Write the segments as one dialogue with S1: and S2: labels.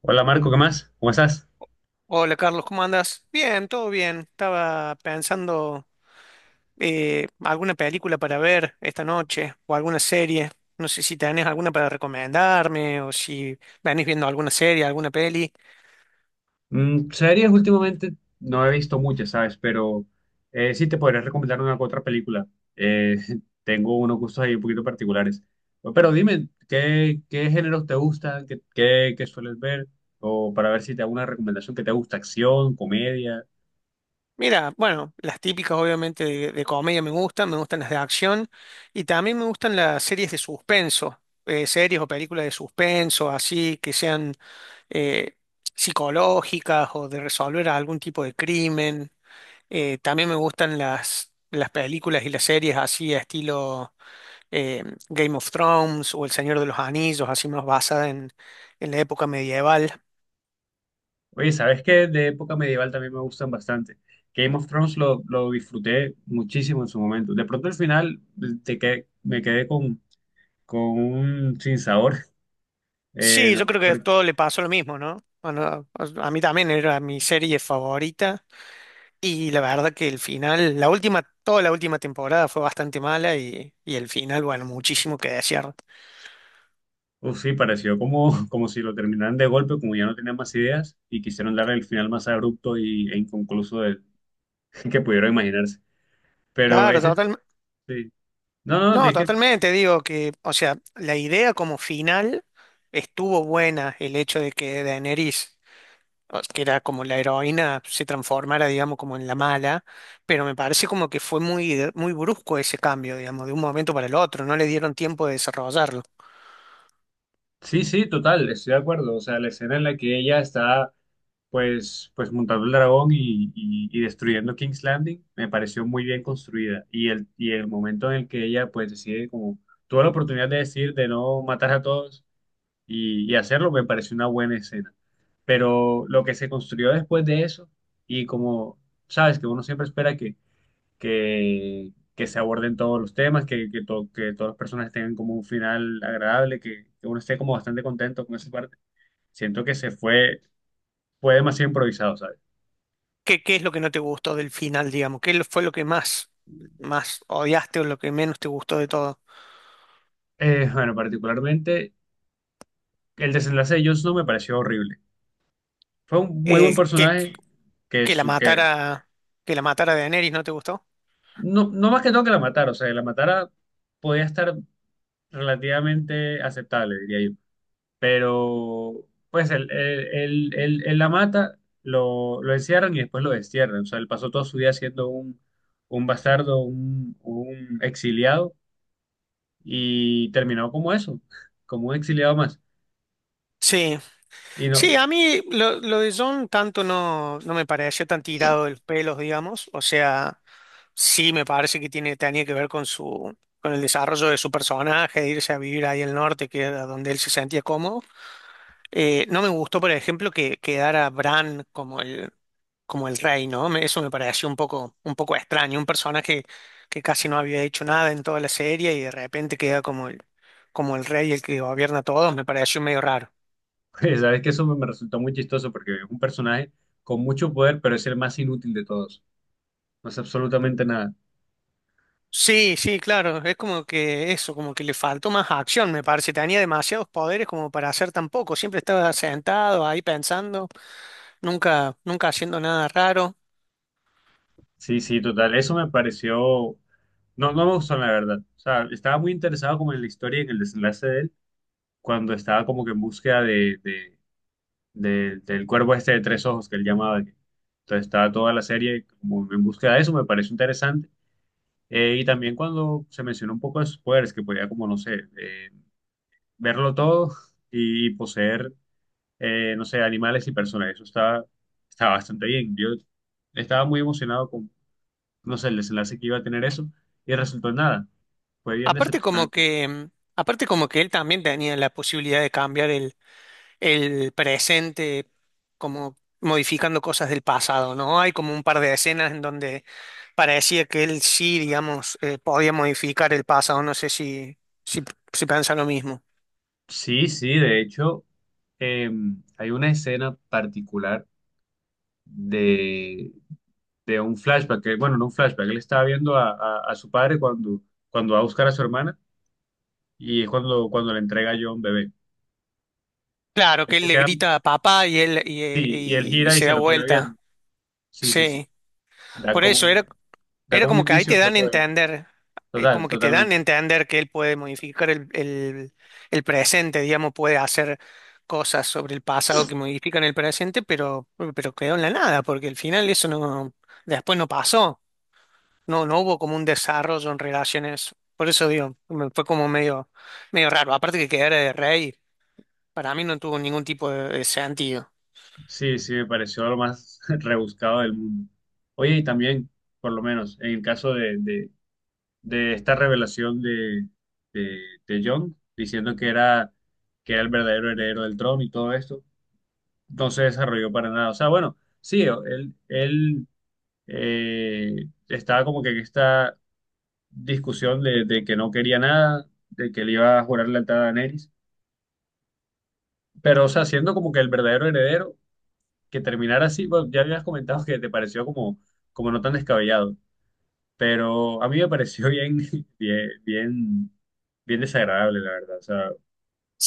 S1: Hola Marco, ¿qué más? ¿Cómo estás?
S2: Hola Carlos, ¿cómo andas? Bien, todo bien. Estaba pensando alguna película para ver esta noche o alguna serie. No sé si tenés alguna para recomendarme o si venís viendo alguna serie, alguna peli.
S1: Mm, series últimamente no he visto muchas, ¿sabes? Pero sí te podría recomendar una u otra película. Eh, tengo unos gustos ahí un poquito particulares. Pero dime, ¿qué géneros te gustan? ¿Qué sueles ver? O para ver si te hago una recomendación que te gusta, acción, comedia.
S2: Mira, bueno, las típicas obviamente de comedia me gustan las de acción y también me gustan las series de suspenso, series o películas de suspenso, así que sean eh, psicológicas o de resolver algún tipo de crimen. También me gustan las películas y las series así, a estilo eh, Game of Thrones o El Señor de los Anillos, así más basada en la época medieval.
S1: Oye, ¿sabes qué? De época medieval también me gustan bastante. Game of Thrones lo disfruté muchísimo en su momento. De pronto al final me quedé con un sinsabor.
S2: Sí, yo
S1: No,
S2: creo que a
S1: porque-
S2: todo le pasó lo mismo, ¿no? Bueno, a mí también era mi serie favorita y la verdad que el final, la última, toda la última temporada fue bastante mala y el final, bueno, muchísimo que desear.
S1: Uf, sí, pareció como, como si lo terminaran de golpe, como ya no tenían más ideas y quisieron darle el final más abrupto y, e inconcluso que pudieron imaginarse. Pero
S2: Claro,
S1: ese,
S2: totalmente.
S1: sí. No, no,
S2: No,
S1: es que
S2: totalmente, digo que, o sea, la idea como final estuvo buena, el hecho de que Daenerys, que era como la heroína, se transformara, digamos, como en la mala, pero me parece como que fue muy, muy brusco ese cambio, digamos, de un momento para el otro, no le dieron tiempo de desarrollarlo.
S1: sí, sí, total, estoy de acuerdo. O sea, la escena en la que ella está, pues montando el dragón y, y destruyendo King's Landing me pareció muy bien construida. Y el momento en el que ella, pues, decide como, tuvo la oportunidad de decir de no matar a todos y hacerlo me pareció una buena escena. Pero lo que se construyó después de eso, y como sabes que uno siempre espera que se aborden todos los temas, que todas las personas tengan como un final agradable, que uno esté como bastante contento con esa parte, siento que se fue, fue demasiado improvisado, ¿sabes?
S2: ¿Qué, qué es lo que no te gustó del final, digamos? Fue lo que más, más odiaste o lo que menos te gustó de todo?
S1: Bueno, particularmente el desenlace de Jones no me pareció horrible. Fue un muy buen
S2: Eh, que,
S1: personaje que,
S2: que la
S1: su, que
S2: matara, que la matara Daenerys, ¿no te gustó?
S1: no, no más que todo que la matara, o sea, que la matara podía estar relativamente aceptable, diría yo. Pero, pues, en la mata lo encierran y después lo destierran. O sea, él pasó todo su día siendo un bastardo, un exiliado y terminó como eso, como un exiliado más.
S2: Sí,
S1: Y no,
S2: sí, a mí lo de John tanto no, no me pareció tan tirado de los pelos, digamos. O sea, sí me parece que tiene, tenía que ver con su, con el desarrollo de su personaje, de irse a vivir ahí al norte, que era donde él se sentía cómodo. No me gustó, por ejemplo, que quedara Bran como el rey, ¿no? Eso me pareció un poco extraño. Un personaje que casi no había hecho nada en toda la serie y de repente queda como el rey, el que gobierna a todos, me pareció medio raro.
S1: sabes que eso me resultó muy chistoso porque es un personaje con mucho poder, pero es el más inútil de todos. No hace absolutamente nada.
S2: Sí, sí, claro, es como que eso, como que le faltó más acción, me parece, tenía demasiados poderes como para hacer tan poco, siempre estaba sentado ahí pensando, nunca, nunca haciendo nada raro.
S1: Sí, sí, total. Eso me pareció. No, no me gustó, la verdad. O sea, estaba muy interesado como en la historia y en el desenlace de él, cuando estaba como que en búsqueda de, del cuervo este de tres ojos que él llamaba. Entonces estaba toda la serie como en búsqueda de eso, me pareció interesante. Y también cuando se mencionó un poco de sus poderes, que podía como, no sé, verlo todo y poseer, no sé, animales y personas. Estaba bastante bien. Yo estaba muy emocionado, no sé, el desenlace que iba a tener eso, y resultó en nada. Fue bien
S2: Aparte como
S1: decepcionante.
S2: que, aparte como que él también tenía la posibilidad de cambiar el presente, como modificando cosas del pasado, ¿no? Hay como un par de escenas en donde parecía que él sí, digamos, podía modificar el pasado, no sé si, si piensa lo mismo.
S1: Sí, sí, de hecho, eh, hay una escena particular de, de un flashback, que, bueno, no un flashback, él estaba viendo a, a su padre cuando, cuando va a buscar a su hermana y es cuando, cuando le entrega a John bebé.
S2: Claro,
S1: Él
S2: que él
S1: se
S2: le
S1: queda-
S2: grita a papá y él
S1: sí, y él
S2: y
S1: gira y
S2: se
S1: se
S2: da
S1: lo queda
S2: vuelta.
S1: viendo. Sí, sí, sí.
S2: Sí,
S1: Da
S2: por eso era,
S1: como, da
S2: era
S1: como un
S2: como que ahí te
S1: indicio que
S2: dan a
S1: puede.
S2: entender,
S1: Total,
S2: como que te dan a
S1: totalmente.
S2: entender que él puede modificar el presente, digamos, puede hacer cosas sobre el pasado que modifican el presente, pero quedó en la nada, porque al final eso no, después no pasó, no, no hubo como un desarrollo en relaciones. Por eso digo, fue como medio, medio raro. Aparte que quedara de rey, para mí no tuvo ningún tipo de sentido.
S1: Sí, sí, me pareció lo más rebuscado del mundo. Oye, y también, por lo menos, en el caso de esta revelación de, de Jon, diciendo que era el verdadero heredero del trono y todo esto, no se desarrolló para nada. O sea, bueno, sí, él eh, estaba como que en esta discusión de que no quería nada, de que le iba a jurar lealtad a Daenerys, pero, o sea, siendo como que el verdadero heredero que terminara así, bueno, ya habías comentado que te pareció como, como no tan descabellado, pero a mí me pareció bien, bien, bien, bien desagradable, la verdad. O sea,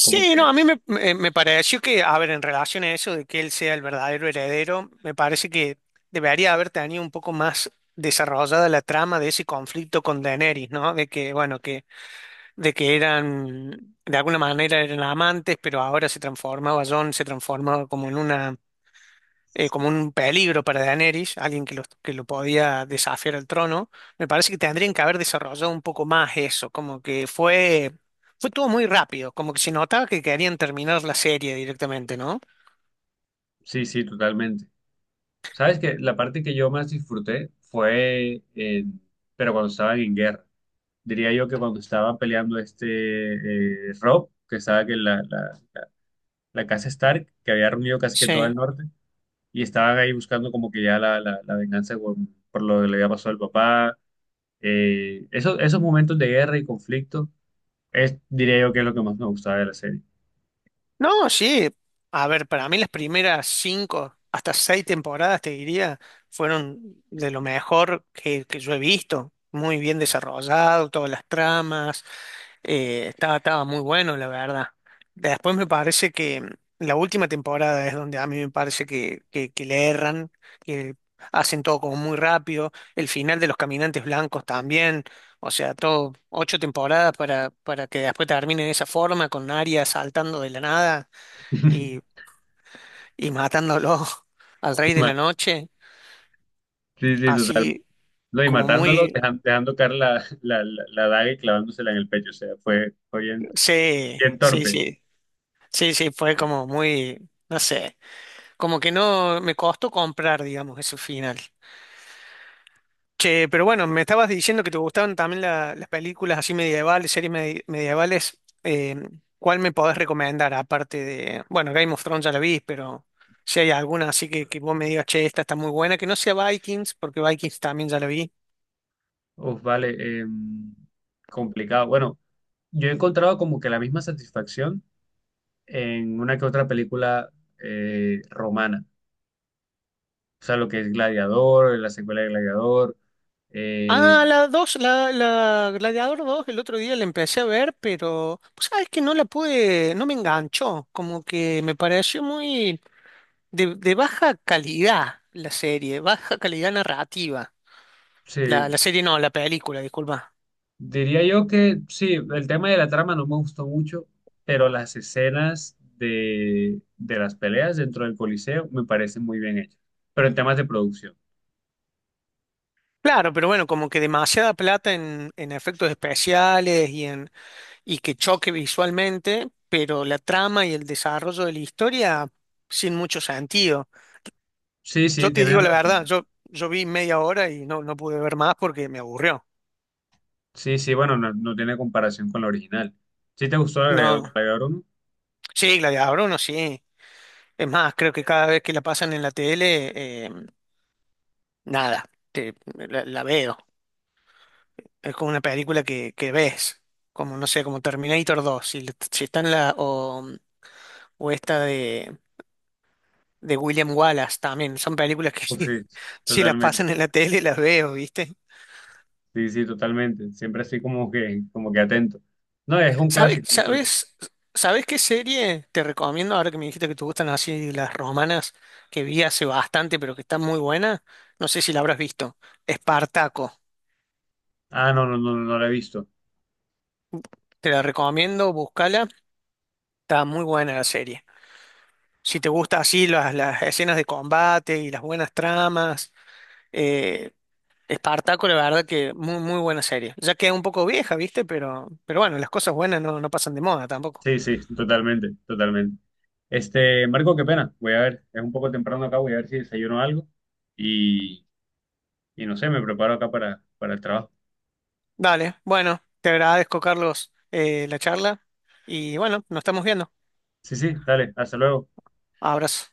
S1: como que
S2: no, a mí me, me pareció que, a ver, en relación a eso de que él sea el verdadero heredero, me parece que debería haber tenido un poco más desarrollada la trama de ese conflicto con Daenerys, ¿no? De que, bueno, que, de que eran, de alguna manera eran amantes, pero ahora se transformaba, Jon se transformaba como en una como un peligro para Daenerys, alguien que lo podía desafiar al trono, me parece que tendrían que haber desarrollado un poco más eso, como que fue, fue todo muy rápido, como que se notaba que querían terminar la serie directamente, ¿no?
S1: sí, sí, totalmente. Sabes que la parte que yo más disfruté fue, pero cuando estaban en guerra. Diría yo que cuando estaban peleando este Rob, que estaba que la casa Stark, que había reunido casi que todo
S2: Sí.
S1: el norte, y estaban ahí buscando como que ya la venganza por lo que le había pasado al papá. Esos, esos momentos de guerra y conflicto, es, diría yo que es lo que más me gustaba de la serie.
S2: No, sí. A ver, para mí las primeras cinco, hasta seis temporadas, te diría, fueron de lo mejor que yo he visto. Muy bien desarrollado, todas las tramas. Estaba, estaba muy bueno, la verdad. Después me parece que la última temporada es donde a mí me parece que le erran, que hacen todo como muy rápido. El final de Los Caminantes Blancos también. O sea, todo ocho temporadas para que después termine de esa forma, con Arya saltando de la nada y, y matándolo al
S1: Y
S2: rey de
S1: ma-
S2: la noche.
S1: Sí, sí, total.
S2: Así
S1: No, y
S2: como
S1: matándolo,
S2: muy...
S1: dejando caer la, la daga y clavándosela en el pecho. O sea, fue, fue bien,
S2: Sí,
S1: bien
S2: sí,
S1: torpe.
S2: sí. Sí, sí, fue como muy... No sé, como que no me costó comprar, digamos, ese final. Che, pero bueno, me estabas diciendo que te gustaban también las películas así medievales, series medievales. Eh, ¿Cuál me podés recomendar? Aparte de, bueno, Game of Thrones ya la vi, pero si hay alguna así que vos me digas, che, esta está muy buena, que no sea Vikings, porque Vikings también ya la vi.
S1: Uf, vale, complicado. Bueno, yo he encontrado como que la misma satisfacción en una que otra película romana. O sea, lo que es Gladiador, la secuela de Gladiador. Eh,
S2: Ah, la 2 la Gladiador 2, el otro día la empecé a ver, pero pues sabes que no la pude, no me enganchó, como que me pareció muy de baja calidad la serie, baja calidad narrativa. La,
S1: sí,
S2: la serie no, la película, disculpa.
S1: Diría yo que sí, el tema de la trama no me gustó mucho, pero las escenas de las peleas dentro del Coliseo me parecen muy bien hechas. Pero en temas de producción.
S2: Claro, pero bueno, como que demasiada plata en efectos especiales y en y que choque visualmente, pero la trama y el desarrollo de la historia sin mucho sentido.
S1: Sí,
S2: Yo
S1: sí,
S2: te
S1: tienes
S2: digo la verdad,
S1: razón.
S2: yo vi media hora y no, no pude ver más porque me aburrió.
S1: Sí, sí, bueno, no, no tiene comparación con la original. ¿Sí te gustó la
S2: No,
S1: agregador 1?
S2: sí, Gladiador uno sí. Es más, creo que cada vez que la pasan en la tele, nada, la veo. Es como una película que ves, como no sé, como Terminator 2, si está en la, o esta de William Wallace también, son películas que
S1: Pues
S2: si,
S1: sí,
S2: si las
S1: totalmente.
S2: pasan en la tele las veo, ¿viste?
S1: Sí, sí, totalmente. Siempre así como que atento. No, es un
S2: ¿Sabes,
S1: clásico, un clásico.
S2: sabes, sabes qué serie te recomiendo ahora que me dijiste que te gustan así las romanas que vi hace bastante, pero que está muy buena? No sé si la habrás visto. Espartaco.
S1: Ah, no, no, no, no lo he visto.
S2: Te la recomiendo, búscala. Está muy buena la serie. Si te gusta así las escenas de combate y las buenas tramas, eh, Espartaco, la verdad que muy, muy buena serie. Ya queda un poco vieja, ¿viste? Pero bueno, las cosas buenas no, no pasan de moda tampoco.
S1: Sí, sí, totalmente, totalmente. Este, Marco, qué pena. Voy a ver, es un poco temprano acá, voy a ver si desayuno algo y, y no sé, me preparo acá para el trabajo.
S2: Dale, bueno, te agradezco, Carlos, la charla y bueno, nos estamos viendo.
S1: Sí, sí, dale, hasta luego.
S2: Abrazo.